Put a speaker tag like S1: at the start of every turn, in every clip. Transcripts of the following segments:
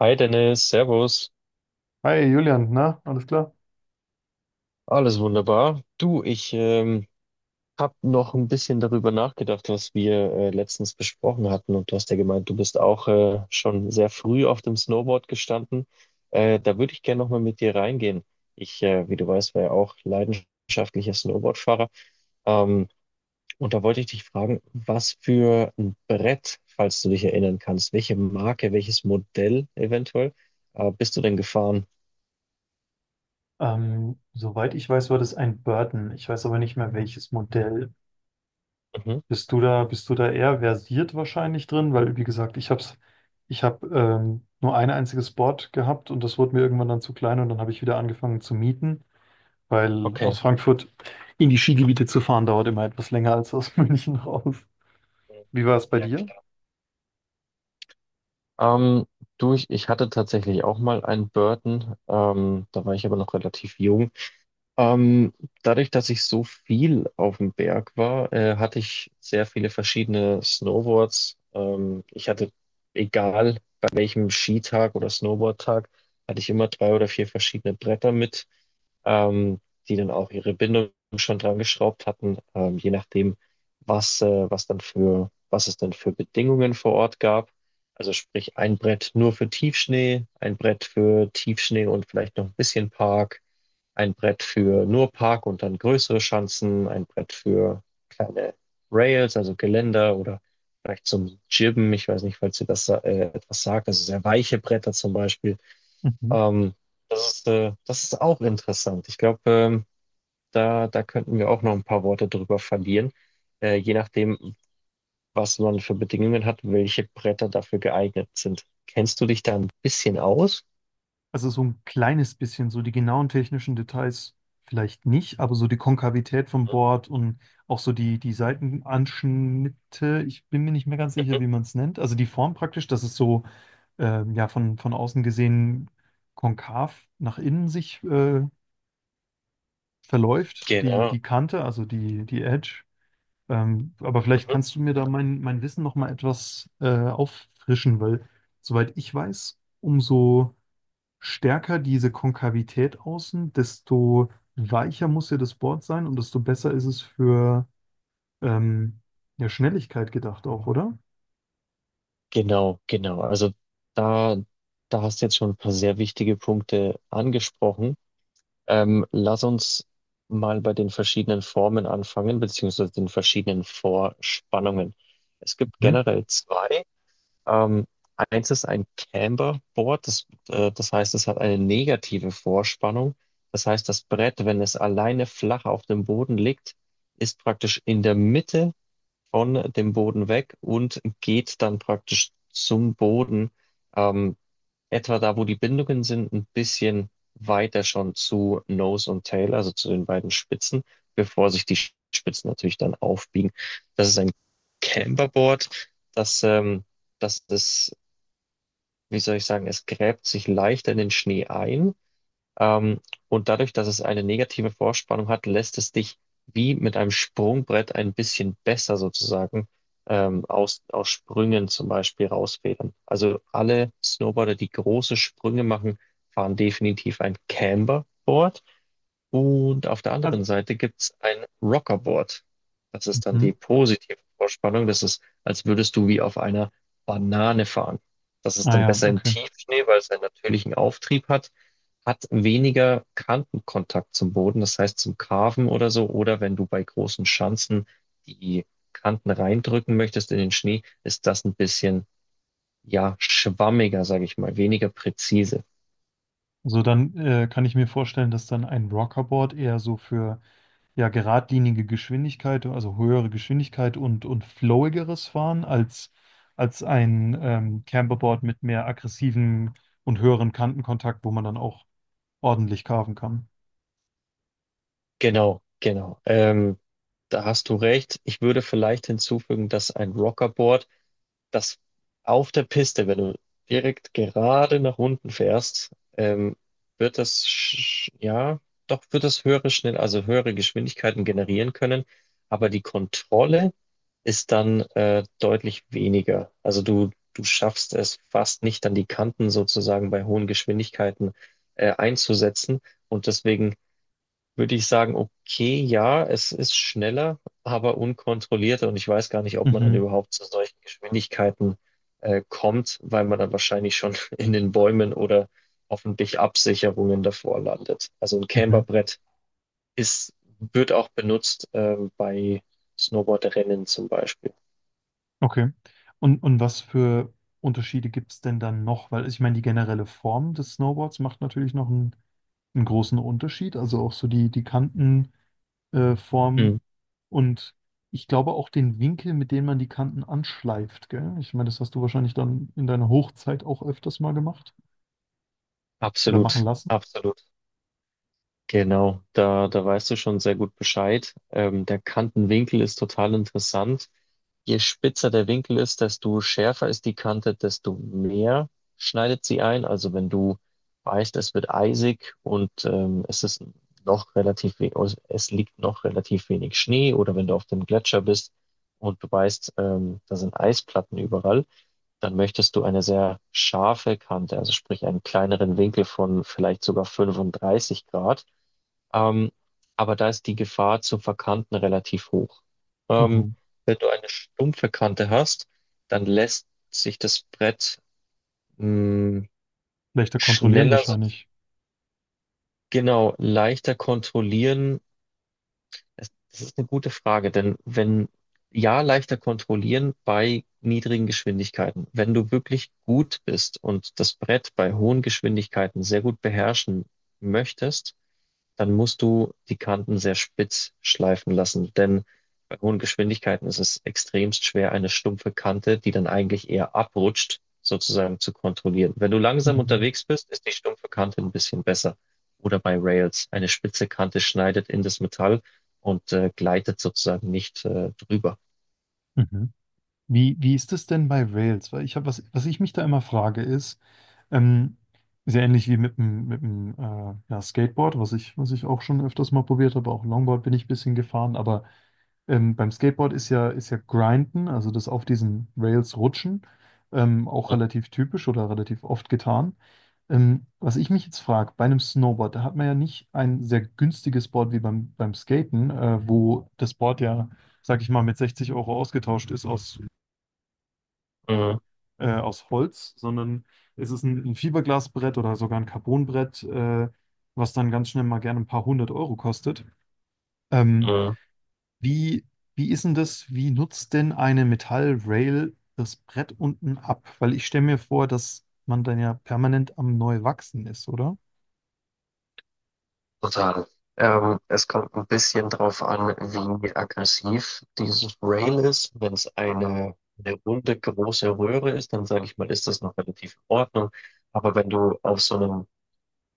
S1: Hi Dennis, Servus.
S2: Hi Julian, na, alles klar?
S1: Alles wunderbar. Du, ich habe noch ein bisschen darüber nachgedacht, was wir letztens besprochen hatten. Und du hast ja gemeint, du bist auch schon sehr früh auf dem Snowboard gestanden. Da würde ich gerne nochmal mit dir reingehen. Wie du weißt, war ja auch leidenschaftlicher Snowboardfahrer. Ähm, und da wollte ich dich fragen, was für ein Brett, falls du dich erinnern kannst, welche Marke, welches Modell eventuell, bist du denn gefahren?
S2: Soweit ich weiß, war das ein Burton. Ich weiß aber nicht mehr welches Modell.
S1: Mhm.
S2: Bist du da eher versiert wahrscheinlich drin? Weil, wie gesagt, ich habe nur ein einziges Board gehabt und das wurde mir irgendwann dann zu klein und dann habe ich wieder angefangen zu mieten, weil
S1: Okay.
S2: aus Frankfurt in die Skigebiete zu fahren dauert immer etwas länger als aus München raus. Wie war es bei
S1: Ja,
S2: dir?
S1: klar. Ähm, Du, ich hatte tatsächlich auch mal einen Burton, da war ich aber noch relativ jung. Ähm, dadurch, dass ich so viel auf dem Berg war, hatte ich sehr viele verschiedene Snowboards. Ich hatte, egal bei welchem Skitag oder Snowboardtag, hatte ich immer drei oder vier verschiedene Bretter mit, ähm, die dann auch ihre Bindung schon dran geschraubt hatten, je nachdem, was es dann für Bedingungen vor Ort gab. Also sprich ein Brett nur für Tiefschnee, ein Brett für Tiefschnee und vielleicht noch ein bisschen Park, ein Brett für nur Park und dann größere Schanzen, ein Brett für kleine Rails, also Geländer oder vielleicht zum Jibben, ich weiß nicht, falls ihr das etwas sagt, also sehr weiche Bretter zum Beispiel.
S2: Mhm.
S1: Ähm, Das ist auch interessant. Ich glaube, da könnten wir auch noch ein paar Worte drüber verlieren, je nachdem, was man für Bedingungen hat, welche Bretter dafür geeignet sind. Kennst du dich da ein bisschen aus?
S2: Also so ein kleines bisschen, so die genauen technischen Details vielleicht nicht, aber so die Konkavität vom Board und auch so die Seitenanschnitte, ich bin mir nicht mehr ganz sicher,
S1: Mhm.
S2: wie man es nennt. Also die Form praktisch, dass es so ja, von außen gesehen konkav nach innen sich verläuft, die,
S1: Genau.
S2: die Kante, also die Edge. Aber vielleicht
S1: mhm.
S2: kannst du mir da mein Wissen nochmal etwas auffrischen, weil soweit ich weiß, umso stärker diese Konkavität außen, desto weicher muss ja das Board sein und desto besser ist es für ähm, ja, Schnelligkeit gedacht auch, oder?
S1: Genau, genau. Also da, da hast du jetzt schon ein paar sehr wichtige Punkte angesprochen. Lass uns mal bei den verschiedenen Formen anfangen, beziehungsweise den verschiedenen Vorspannungen. Es gibt
S2: Mhm.
S1: generell zwei. Ähm, eins ist ein Camberboard, das heißt, es hat eine negative Vorspannung. Das heißt, das Brett, wenn es alleine flach auf dem Boden liegt, ist praktisch in der Mitte von dem Boden weg und geht dann praktisch zum Boden, ähm, etwa da, wo die Bindungen sind, ein bisschen weiter schon zu Nose und Tail, also zu den beiden Spitzen, bevor sich die Spitzen natürlich dann aufbiegen. Das ist ein Camberboard, das ähm, das ist, wie soll ich sagen, es gräbt sich leichter in den Schnee ein. Ähm, und dadurch, dass es eine negative Vorspannung hat, lässt es dich wie mit einem Sprungbrett ein bisschen besser sozusagen, aus Sprüngen zum Beispiel rausfedern. Also alle Snowboarder, die große Sprünge machen, fahren definitiv ein Camber. Und auf der anderen
S2: Also,
S1: Seite gibt's ein Rockerboard. Das ist dann die
S2: mhm,
S1: positive Vorspannung. Das ist, als würdest du wie auf einer Banane fahren. Das ist
S2: ah
S1: dann
S2: ja,
S1: besser im
S2: okay.
S1: Tiefschnee, weil es einen natürlichen Auftrieb hat, hat weniger Kantenkontakt zum Boden, das heißt zum Carven oder so. Oder wenn du bei großen Schanzen die Kanten reindrücken möchtest in den Schnee, ist das ein bisschen, ja, schwammiger, sage ich mal, weniger präzise.
S2: Also dann kann ich mir vorstellen, dass dann ein Rockerboard eher so für ja geradlinige Geschwindigkeit, also höhere Geschwindigkeit und flowigeres Fahren als als ein Camperboard mit mehr aggressiven und höheren Kantenkontakt, wo man dann auch ordentlich carven kann.
S1: Genau, genau. Da hast du recht. Ich würde vielleicht hinzufügen, dass ein Rockerboard, das auf der Piste, wenn du direkt gerade nach unten fährst, ähm, ja, doch wird das höhere schnell, also höhere Geschwindigkeiten generieren können. Aber die Kontrolle ist dann deutlich weniger. Also du schaffst es fast nicht, dann die Kanten sozusagen bei hohen Geschwindigkeiten einzusetzen. Und deswegen würde ich sagen, okay, ja, es ist schneller, aber unkontrollierter, und ich weiß gar nicht, ob man dann
S2: Mhm.
S1: überhaupt zu solchen Geschwindigkeiten kommt, weil man dann wahrscheinlich schon in den Bäumen oder hoffentlich Absicherungen davor landet. Also ein
S2: Mhm.
S1: Camberbrett ist, wird auch benutzt, bei Snowboardrennen zum Beispiel.
S2: Okay. Und was für Unterschiede gibt es denn dann noch? Weil also, ich meine, die generelle Form des Snowboards macht natürlich noch einen, einen großen Unterschied. Also auch so die Kantenform
S1: Mhm.
S2: Form und ich glaube auch den Winkel, mit dem man die Kanten anschleift, gell? Ich meine, das hast du wahrscheinlich dann in deiner Hochzeit auch öfters mal gemacht oder machen
S1: Absolut,
S2: lassen.
S1: absolut. Genau, da, da weißt du schon sehr gut Bescheid. Der Kantenwinkel ist total interessant. Je spitzer der Winkel ist, desto schärfer ist die Kante, desto mehr schneidet sie ein. Also wenn du weißt, es wird eisig, und es ist noch relativ, also es liegt noch relativ wenig Schnee, oder wenn du auf dem Gletscher bist und du weißt, da sind Eisplatten überall, dann möchtest du eine sehr scharfe Kante, also sprich einen kleineren Winkel von vielleicht sogar 35 Grad. Ähm, aber da ist die Gefahr zur verkanten relativ hoch. Ähm,
S2: Mhm.
S1: wenn du eine stumpfe Kante hast, dann lässt sich das Brett, mh,
S2: Leichter kontrollieren
S1: schneller, so,
S2: wahrscheinlich.
S1: genau, leichter kontrollieren. Das ist eine gute Frage, denn wenn, ja, leichter kontrollieren bei niedrigen Geschwindigkeiten. Wenn du wirklich gut bist und das Brett bei hohen Geschwindigkeiten sehr gut beherrschen möchtest, dann musst du die Kanten sehr spitz schleifen lassen, denn bei hohen Geschwindigkeiten ist es extremst schwer, eine stumpfe Kante, die dann eigentlich eher abrutscht, sozusagen zu kontrollieren. Wenn du langsam
S2: Mhm.
S1: unterwegs bist, ist die stumpfe Kante ein bisschen besser. Oder bei Rails. Eine spitze Kante schneidet in das Metall und gleitet sozusagen nicht drüber.
S2: Mhm. Wie ist es denn bei Rails? Weil ich habe, was ich mich da immer frage, ist, ähm, sehr ähnlich wie mit dem ja, Skateboard, was ich auch schon öfters mal probiert habe, auch Longboard bin ich ein bisschen gefahren, aber beim Skateboard ist ja Grinden, also das auf diesen Rails rutschen, auch relativ typisch oder relativ oft getan. Was ich mich jetzt frage, bei einem Snowboard, da hat man ja nicht ein sehr günstiges Board wie beim Skaten, wo das Board ja, sag ich mal, mit 60 € ausgetauscht ist aus
S1: Mhm.
S2: aus Holz, sondern es ist ein Fiberglasbrett oder sogar ein Carbonbrett, was dann ganz schnell mal gerne ein paar hundert Euro kostet. Ähm,
S1: Mhm.
S2: wie, wie ist denn das? Wie nutzt denn eine Metallrail das Brett unten ab? Weil ich stelle mir vor, dass man dann ja permanent am Neuwachsen ist, oder?
S1: Total. Es kommt ein bisschen drauf an, wie aggressiv dieses Rail ist. Wenn es eine runde, große Röhre ist, dann sage ich mal, ist das noch relativ in Ordnung. Aber wenn du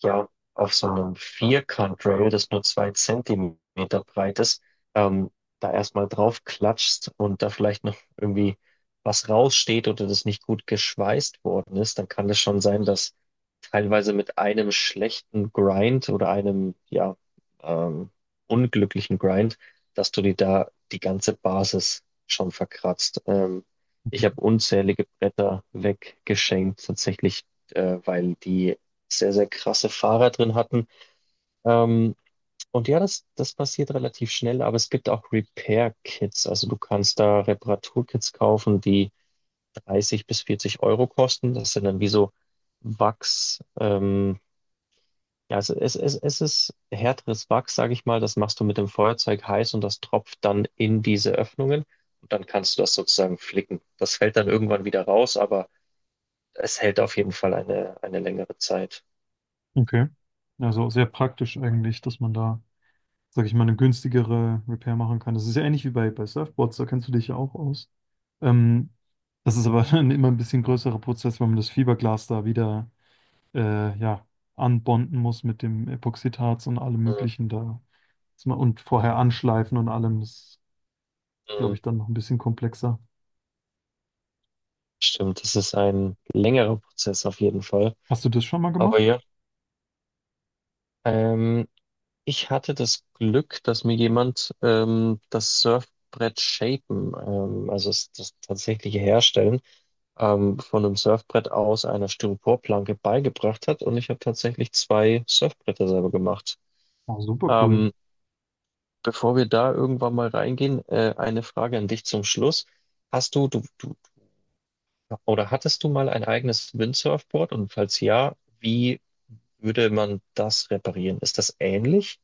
S1: ja, auf so einem Vierkant-Rail, das nur 2 cm breit ist, ähm, da erstmal drauf klatschst und da vielleicht noch irgendwie was raussteht oder das nicht gut geschweißt worden ist, dann kann es schon sein, dass teilweise mit einem schlechten Grind oder einem, ähm, unglücklichen Grind, dass du dir da die ganze Basis schon verkratzt. Ich habe
S2: Mhm.
S1: unzählige Bretter weggeschenkt, tatsächlich, weil die sehr, sehr krasse Fahrer drin hatten. Ähm, und ja, das passiert relativ schnell, aber es gibt auch Repair-Kits. Also du kannst da Reparaturkits kaufen, die 30 bis 40 € kosten. Das sind dann wie so Wachs, ja, also es ist härteres Wachs, sage ich mal. Das machst du mit dem Feuerzeug heiß und das tropft dann in diese Öffnungen, und dann kannst du das sozusagen flicken. Das fällt dann irgendwann wieder raus, aber es hält auf jeden Fall eine längere Zeit.
S2: Okay. Also sehr praktisch eigentlich, dass man da sag ich mal, eine günstigere Repair machen kann. Das ist ja ähnlich wie bei Surfboards, da kennst du dich ja auch aus. Ähm, das ist aber dann immer ein bisschen größerer Prozess, weil man das Fiberglas da wieder ja, anbonden muss mit dem Epoxidharz und allem
S1: Mhm.
S2: Möglichen da. Und vorher anschleifen und allem, das ist,
S1: Mhm.
S2: glaube ich, dann noch ein bisschen komplexer.
S1: Stimmt, das ist ein längerer Prozess auf jeden Fall.
S2: Hast du das schon mal
S1: Aber
S2: gemacht?
S1: ja, ähm, ich hatte das Glück, dass mir jemand, das Surfbrett shapen, also das tatsächliche Herstellen, von einem Surfbrett aus einer Styroporplanke beigebracht hat. Und ich habe tatsächlich zwei Surfbretter selber gemacht.
S2: Oh, super cool.
S1: Ähm, bevor wir da irgendwann mal reingehen, eine Frage an dich zum Schluss. Hast du oder hattest du mal ein eigenes Windsurfboard? Und falls ja, wie würde man das reparieren? Ist das ähnlich?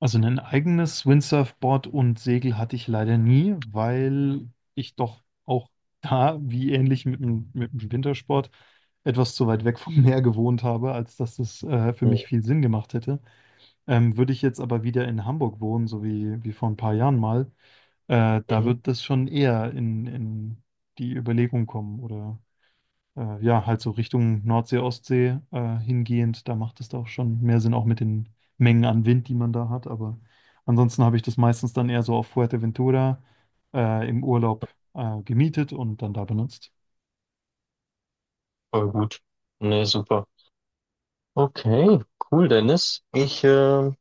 S2: Also ein eigenes Windsurfboard und Segel hatte ich leider nie, weil ich doch auch da, wie ähnlich mit dem Wintersport, etwas zu weit weg vom Meer gewohnt habe, als dass es für mich viel Sinn gemacht hätte. Würde ich jetzt aber wieder in Hamburg wohnen, so wie vor ein paar Jahren mal, da
S1: Mhm.
S2: wird das schon eher in die Überlegung kommen oder ja, halt so Richtung Nordsee, Ostsee hingehend, da macht es da auch schon mehr Sinn, auch mit den Mengen an Wind, die man da hat. Aber ansonsten habe ich das meistens dann eher so auf Fuerteventura im Urlaub gemietet und dann da benutzt.
S1: Voll gut. Ne, super. Okay, cool, Dennis. Ich äh,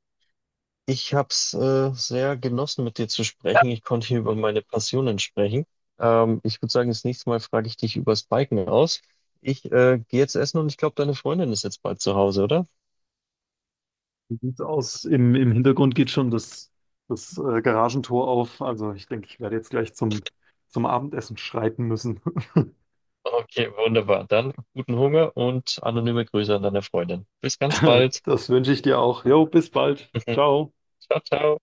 S1: Ich habe es sehr genossen, mit dir zu sprechen. Ich konnte hier über meine Passionen sprechen. Ich würde sagen, das nächste Mal frage ich dich übers Biken aus. Ich gehe jetzt essen, und ich glaube, deine Freundin ist jetzt bald zu Hause, oder?
S2: Wie sieht's aus? Im Hintergrund geht schon das, das Garagentor auf. Also ich denke, ich werde jetzt gleich zum Abendessen schreiten müssen.
S1: Okay, wunderbar. Dann guten Hunger und anonyme Grüße an deine Freundin. Bis ganz bald.
S2: Das wünsche ich dir auch. Jo, bis bald. Ciao.
S1: Ciao, ciao.